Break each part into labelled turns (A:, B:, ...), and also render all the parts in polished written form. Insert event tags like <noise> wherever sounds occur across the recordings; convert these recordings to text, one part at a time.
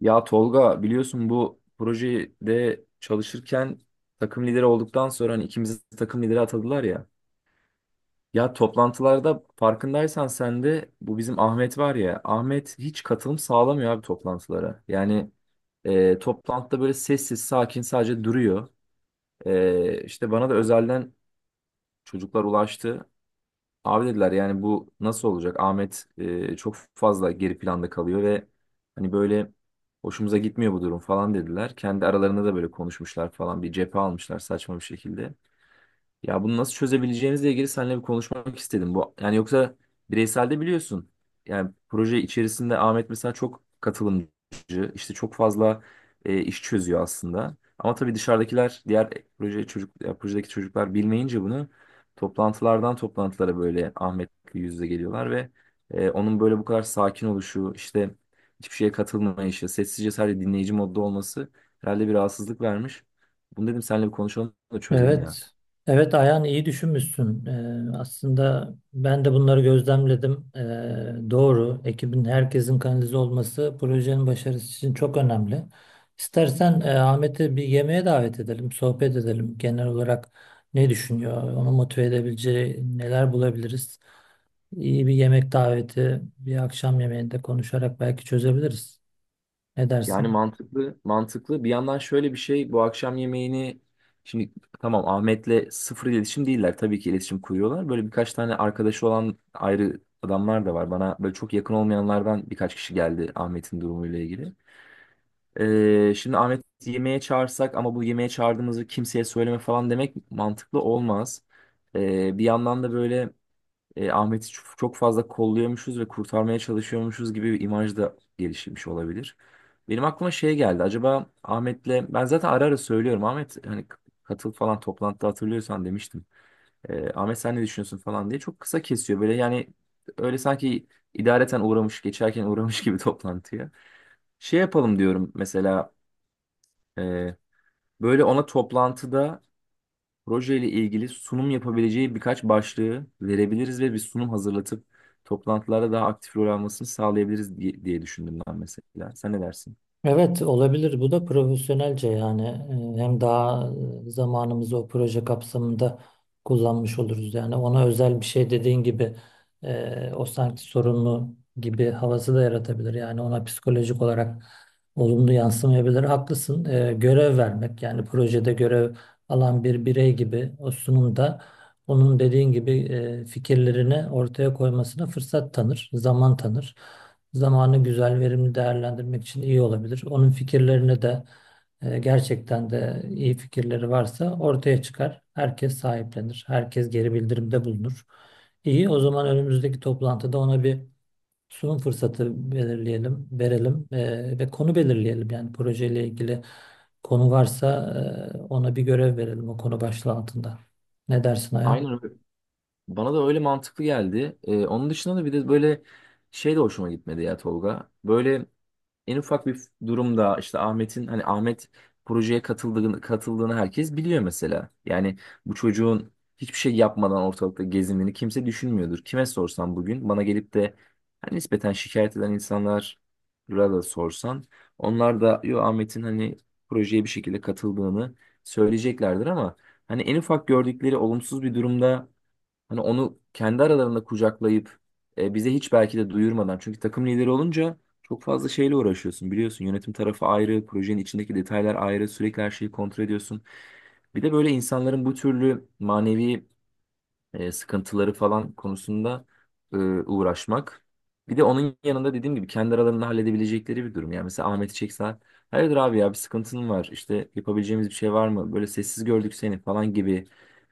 A: Ya Tolga biliyorsun bu projede çalışırken takım lideri olduktan sonra hani ikimizi takım lideri atadılar ya. Ya toplantılarda farkındaysan sen de bu bizim Ahmet var ya. Ahmet hiç katılım sağlamıyor abi toplantılara. Toplantıda böyle sessiz sakin sadece duruyor. E, işte bana da özelden çocuklar ulaştı. Abi dediler yani bu nasıl olacak? Ahmet çok fazla geri planda kalıyor ve hani böyle hoşumuza gitmiyor bu durum falan dediler. Kendi aralarında da böyle konuşmuşlar falan bir cephe almışlar saçma bir şekilde. Ya bunu nasıl çözebileceğimizle ilgili seninle bir konuşmak istedim. Bu yani yoksa bireyselde biliyorsun. Yani proje içerisinde Ahmet mesela çok katılımcı, işte çok fazla iş çözüyor aslında. Ama tabii dışarıdakiler, diğer projedeki çocuklar bilmeyince bunu toplantılardan toplantılara böyle Ahmet'le yüz yüze geliyorlar ve onun böyle bu kadar sakin oluşu, işte hiçbir şeye katılmayışı, sessizce sadece dinleyici modda olması herhalde bir rahatsızlık vermiş. Bunu dedim seninle bir konuşalım da çözelim ya.
B: Evet, evet Ayhan iyi düşünmüşsün. Aslında ben de bunları gözlemledim. Doğru, ekibin herkesin kanalize olması projenin başarısı için çok önemli. İstersen Ahmet'i bir yemeğe davet edelim, sohbet edelim. Genel olarak ne düşünüyor, onu motive edebileceği neler bulabiliriz? İyi bir yemek daveti, bir akşam yemeğinde konuşarak belki çözebiliriz. Ne
A: Yani
B: dersin?
A: mantıklı, mantıklı. Bir yandan şöyle bir şey, bu akşam yemeğini şimdi tamam Ahmet'le sıfır iletişim değiller. Tabii ki iletişim kuruyorlar. Böyle birkaç tane arkadaşı olan ayrı adamlar da var. Bana böyle çok yakın olmayanlardan birkaç kişi geldi Ahmet'in durumuyla ilgili. Şimdi Ahmet yemeğe çağırsak ama bu yemeğe çağırdığımızı kimseye söyleme falan demek mantıklı olmaz. Bir yandan da böyle Ahmet'i çok çok fazla kolluyormuşuz ve kurtarmaya çalışıyormuşuz gibi bir imaj da gelişmiş olabilir. Benim aklıma şey geldi. Acaba Ahmet'le ben zaten ara ara söylüyorum. Ahmet hani katıl falan toplantıda hatırlıyorsan demiştim. Ahmet sen ne düşünüyorsun falan diye çok kısa kesiyor. Böyle yani öyle sanki idareten uğramış geçerken uğramış gibi <laughs> toplantıya. Şey yapalım diyorum mesela e, böyle ona toplantıda proje ile ilgili sunum yapabileceği birkaç başlığı verebiliriz ve bir sunum hazırlatıp toplantılarda daha aktif rol almasını sağlayabiliriz diye düşündüm ben mesela. Sen ne dersin?
B: Evet olabilir. Bu da profesyonelce yani hem daha zamanımızı o proje kapsamında kullanmış oluruz. Yani ona özel bir şey dediğin gibi o sanki sorunlu gibi havası da yaratabilir. Yani ona psikolojik olarak olumlu yansımayabilir. Haklısın. Görev vermek yani projede görev alan bir birey gibi o sunumda onun dediğin gibi fikirlerini ortaya koymasına fırsat tanır, zaman tanır zamanı güzel, verimli değerlendirmek için iyi olabilir. Onun fikirlerini de gerçekten de iyi fikirleri varsa ortaya çıkar. Herkes sahiplenir. Herkes geri bildirimde bulunur. İyi, o zaman önümüzdeki toplantıda ona bir sunum fırsatı belirleyelim, verelim ve konu belirleyelim. Yani projeyle ilgili konu varsa ona bir görev verelim o konu başlığı altında. Ne dersin Ayhan?
A: Aynen öyle. Bana da öyle mantıklı geldi. Onun dışında da bir de böyle şey de hoşuma gitmedi ya Tolga. Böyle en ufak bir durumda işte Ahmet'in hani Ahmet projeye katıldığını herkes biliyor mesela. Yani bu çocuğun hiçbir şey yapmadan ortalıkta gezindiğini kimse düşünmüyordur. Kime sorsam bugün bana gelip de hani nispeten şikayet eden insanlar da sorsan onlar da yo Ahmet'in hani projeye bir şekilde katıldığını söyleyeceklerdir ama hani en ufak gördükleri olumsuz bir durumda hani onu kendi aralarında kucaklayıp bize hiç belki de duyurmadan. Çünkü takım lideri olunca çok fazla şeyle uğraşıyorsun biliyorsun. Yönetim tarafı ayrı, projenin içindeki detaylar ayrı, sürekli her şeyi kontrol ediyorsun. Bir de böyle insanların bu türlü manevi sıkıntıları falan konusunda uğraşmak. Bir de onun yanında dediğim gibi kendi aralarında halledebilecekleri bir durum. Yani mesela Ahmet'i çeksen, hayırdır abi ya bir sıkıntın var işte yapabileceğimiz bir şey var mı? Böyle sessiz gördük seni falan gibi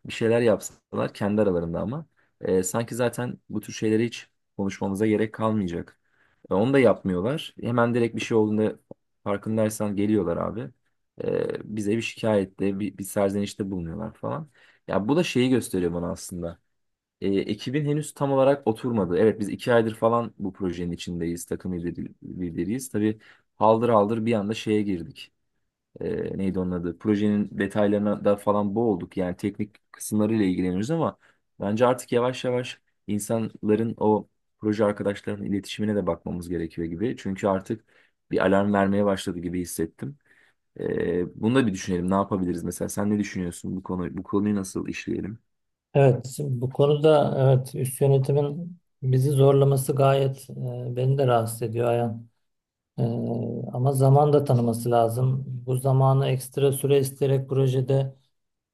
A: bir şeyler yapsalar kendi aralarında ama sanki zaten bu tür şeyleri hiç konuşmamıza gerek kalmayacak. Onu da yapmıyorlar. Hemen direkt bir şey olduğunda farkındaysan geliyorlar abi. Bize bir şikayette, bir serzenişte bulunuyorlar falan. Ya bu da şeyi gösteriyor bana aslında. Ekibin henüz tam olarak oturmadı. Evet biz iki aydır falan bu projenin içindeyiz. Lideriyiz. Tabii haldır haldır bir anda şeye girdik. Neydi onun adı? Projenin detaylarına da falan boğulduk. Yani teknik kısımlarıyla ilgileniyoruz ama bence artık yavaş yavaş insanların o proje arkadaşlarının iletişimine de bakmamız gerekiyor gibi. Çünkü artık bir alarm vermeye başladı gibi hissettim. Bunu da bir düşünelim. Ne yapabiliriz mesela? Sen ne düşünüyorsun bu konuyu nasıl işleyelim?
B: Evet, bu konuda evet üst yönetimin bizi zorlaması gayet beni de rahatsız ediyor Ayhan. E, Ama zaman da tanıması lazım. Bu zamanı ekstra süre isteyerek projede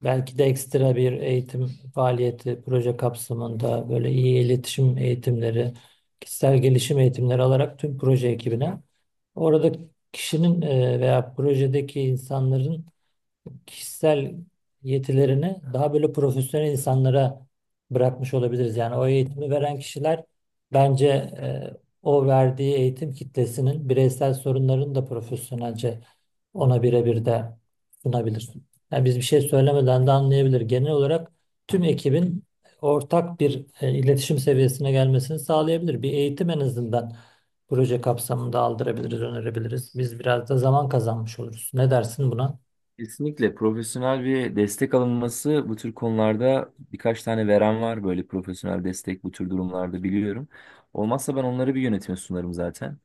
B: belki de ekstra bir eğitim faaliyeti proje kapsamında böyle iyi iletişim eğitimleri, kişisel gelişim eğitimleri alarak tüm proje ekibine orada kişinin veya projedeki insanların kişisel yetilerini daha böyle profesyonel insanlara bırakmış olabiliriz. Yani o eğitimi veren kişiler bence o verdiği eğitim kitlesinin bireysel sorunlarını da profesyonelce ona birebir de sunabilir. Yani biz bir şey söylemeden de anlayabilir. Genel olarak tüm ekibin ortak bir iletişim seviyesine gelmesini sağlayabilir. Bir eğitim en azından proje kapsamında aldırabiliriz, önerebiliriz. Biz biraz da zaman kazanmış oluruz. Ne dersin buna?
A: Kesinlikle profesyonel bir destek alınması bu tür konularda birkaç tane veren var böyle profesyonel destek bu tür durumlarda biliyorum. Olmazsa ben onları bir yönetime sunarım zaten.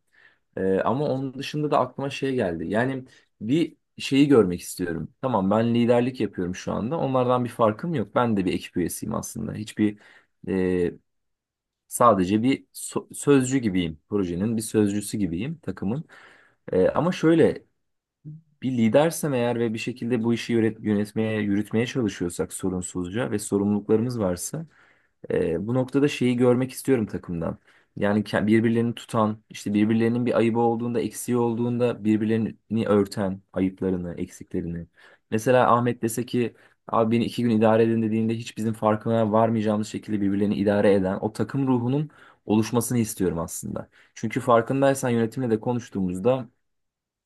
A: Ama onun dışında da aklıma şey geldi. Yani bir şeyi görmek istiyorum. Tamam ben liderlik yapıyorum şu anda. Onlardan bir farkım yok. Ben de bir ekip üyesiyim aslında. E, Sadece bir sözcü gibiyim. Projenin bir sözcüsü gibiyim takımın. Ama şöyle bir lidersem eğer ve bir şekilde bu işi yönetmeye, yürütmeye çalışıyorsak sorunsuzca ve sorumluluklarımız varsa bu noktada şeyi görmek istiyorum takımdan. Yani birbirlerini tutan, işte birbirlerinin bir ayıbı olduğunda, eksiği olduğunda birbirlerini örten ayıplarını, eksiklerini. Mesela Ahmet dese ki abi beni iki gün idare edin dediğinde hiç bizim farkına varmayacağımız şekilde birbirlerini idare eden o takım ruhunun oluşmasını istiyorum aslında. Çünkü farkındaysan yönetimle de konuştuğumuzda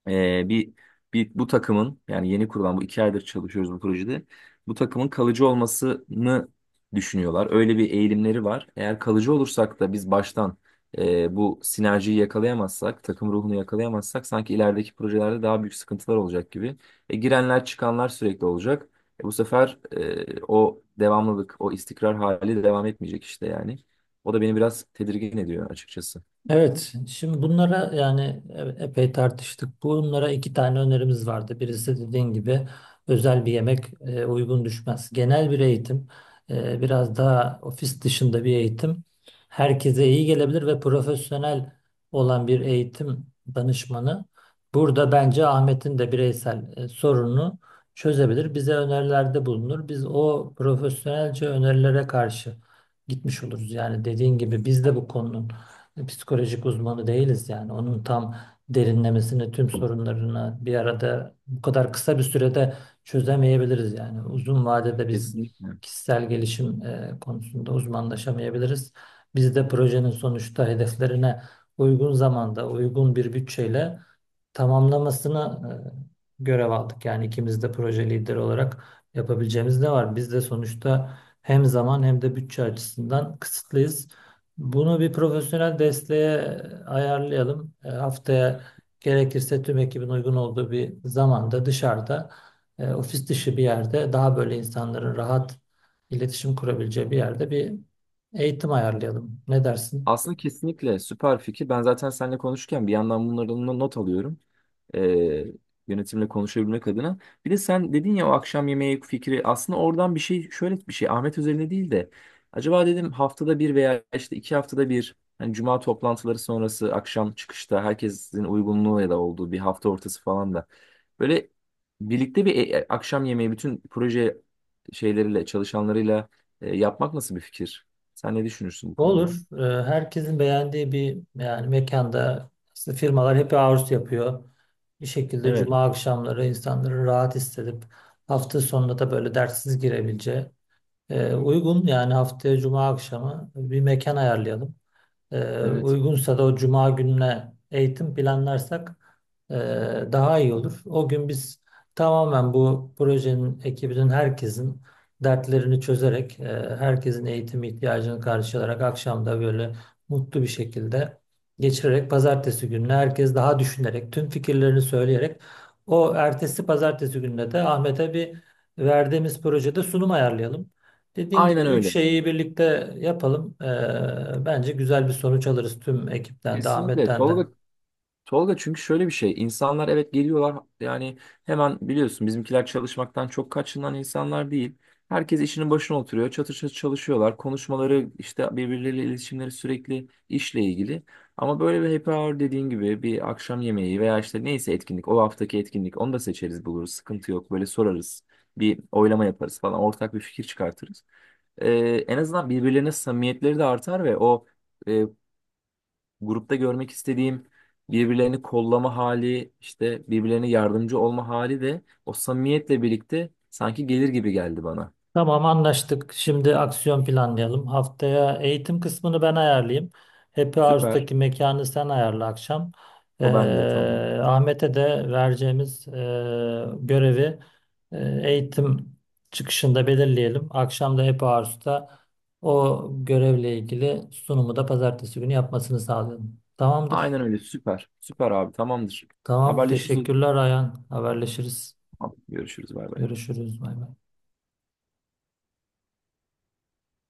A: ee, bir, bir bu takımın yani yeni kurulan bu iki aydır çalışıyoruz bu projede. Bu takımın kalıcı olmasını düşünüyorlar. Öyle bir eğilimleri var. Eğer kalıcı olursak da biz baştan bu sinerjiyi yakalayamazsak, takım ruhunu yakalayamazsak sanki ilerideki projelerde daha büyük sıkıntılar olacak gibi. Girenler çıkanlar sürekli olacak. Bu sefer o devamlılık, o istikrar hali devam etmeyecek işte yani. O da beni biraz tedirgin ediyor açıkçası.
B: Evet, şimdi bunlara yani epey tartıştık. Bunlara iki tane önerimiz vardı. Birisi dediğin gibi özel bir yemek uygun düşmez. Genel bir eğitim, biraz daha ofis dışında bir eğitim herkese iyi gelebilir ve profesyonel olan bir eğitim danışmanı burada bence Ahmet'in de bireysel sorununu çözebilir. Bize önerilerde bulunur. Biz o profesyonelce önerilere karşı gitmiş oluruz. Yani dediğin gibi biz de bu konunun psikolojik uzmanı değiliz yani. Onun tam derinlemesine tüm sorunlarını bir arada bu kadar kısa bir sürede çözemeyebiliriz yani. Uzun vadede biz
A: Kesinlikle.
B: kişisel gelişim konusunda uzmanlaşamayabiliriz. Biz de projenin sonuçta hedeflerine uygun zamanda, uygun bir bütçeyle tamamlamasına görev aldık. Yani ikimiz de proje lideri olarak yapabileceğimiz ne var? Biz de sonuçta hem zaman hem de bütçe açısından kısıtlıyız. Bunu bir profesyonel desteğe ayarlayalım. Haftaya gerekirse tüm ekibin uygun olduğu bir zamanda dışarıda, ofis dışı bir yerde daha böyle insanların rahat iletişim kurabileceği bir yerde bir eğitim ayarlayalım. Ne dersin?
A: Aslında kesinlikle süper fikir. Ben zaten seninle konuşurken bir yandan bunların da not alıyorum. Ee, Yönetimle konuşabilmek adına. Bir de sen dedin ya o akşam yemeği fikri aslında oradan bir şey şöyle bir şey Ahmet üzerine değil de acaba dedim haftada bir veya işte iki haftada bir hani cuma toplantıları sonrası akşam çıkışta herkesin uygunluğu ya da olduğu bir hafta ortası falan da böyle birlikte bir akşam yemeği bütün proje şeyleriyle çalışanlarıyla yapmak nasıl bir fikir? Sen ne düşünürsün bu
B: Olur.
A: konuda?
B: Herkesin beğendiği bir yani mekanda aslında firmalar hep hours yapıyor. Bir şekilde cuma akşamları insanları rahat hissedip hafta sonunda da böyle derssiz girebileceği uygun yani haftaya cuma akşamı bir mekan ayarlayalım.
A: Evet.
B: Uygunsa da o cuma gününe eğitim planlarsak e, daha iyi olur. O gün biz tamamen bu projenin ekibinin herkesin dertlerini çözerek, herkesin eğitim ihtiyacını karşılayarak akşamda böyle mutlu bir şekilde geçirerek pazartesi gününe herkes daha düşünerek, tüm fikirlerini söyleyerek o ertesi pazartesi gününe de Ahmet'e bir verdiğimiz projede sunum ayarlayalım. Dediğin gibi
A: Aynen
B: üç
A: öyle.
B: şeyi birlikte yapalım. Bence güzel bir sonuç alırız tüm ekipten de
A: Kesinlikle
B: Ahmet'ten de.
A: Tolga çünkü şöyle bir şey. İnsanlar evet geliyorlar yani hemen biliyorsun bizimkiler çalışmaktan çok kaçınan insanlar değil. Herkes işinin başına oturuyor. Çatır çatır çalışıyorlar. Konuşmaları işte birbirleriyle iletişimleri sürekli işle ilgili. Ama böyle bir happy hour dediğin gibi bir akşam yemeği veya işte neyse etkinlik o haftaki etkinlik onu da seçeriz buluruz. Sıkıntı yok. Böyle sorarız. Bir oylama yaparız falan. Ortak bir fikir çıkartırız. Ee, En azından birbirlerine samimiyetleri de artar ve o e, grupta görmek istediğim birbirlerini kollama hali, işte birbirlerine yardımcı olma hali de o samimiyetle birlikte sanki gelir gibi geldi bana.
B: Tamam anlaştık. Şimdi aksiyon planlayalım. Haftaya eğitim kısmını ben ayarlayayım. Happy
A: Süper.
B: House'daki mekanı sen ayarla akşam. Ee,
A: O bende tamam.
B: Ahmet'e de vereceğimiz görevi eğitim çıkışında belirleyelim. Akşam da Happy House'da o görevle ilgili sunumu da pazartesi günü yapmasını sağlayalım. Tamamdır.
A: Aynen öyle süper. Süper abi tamamdır.
B: Tamam,
A: Haberleşiriz o zaman.
B: teşekkürler Ayhan. Haberleşiriz.
A: Tamam, görüşürüz, bay bay.
B: Görüşürüz. Bay bay.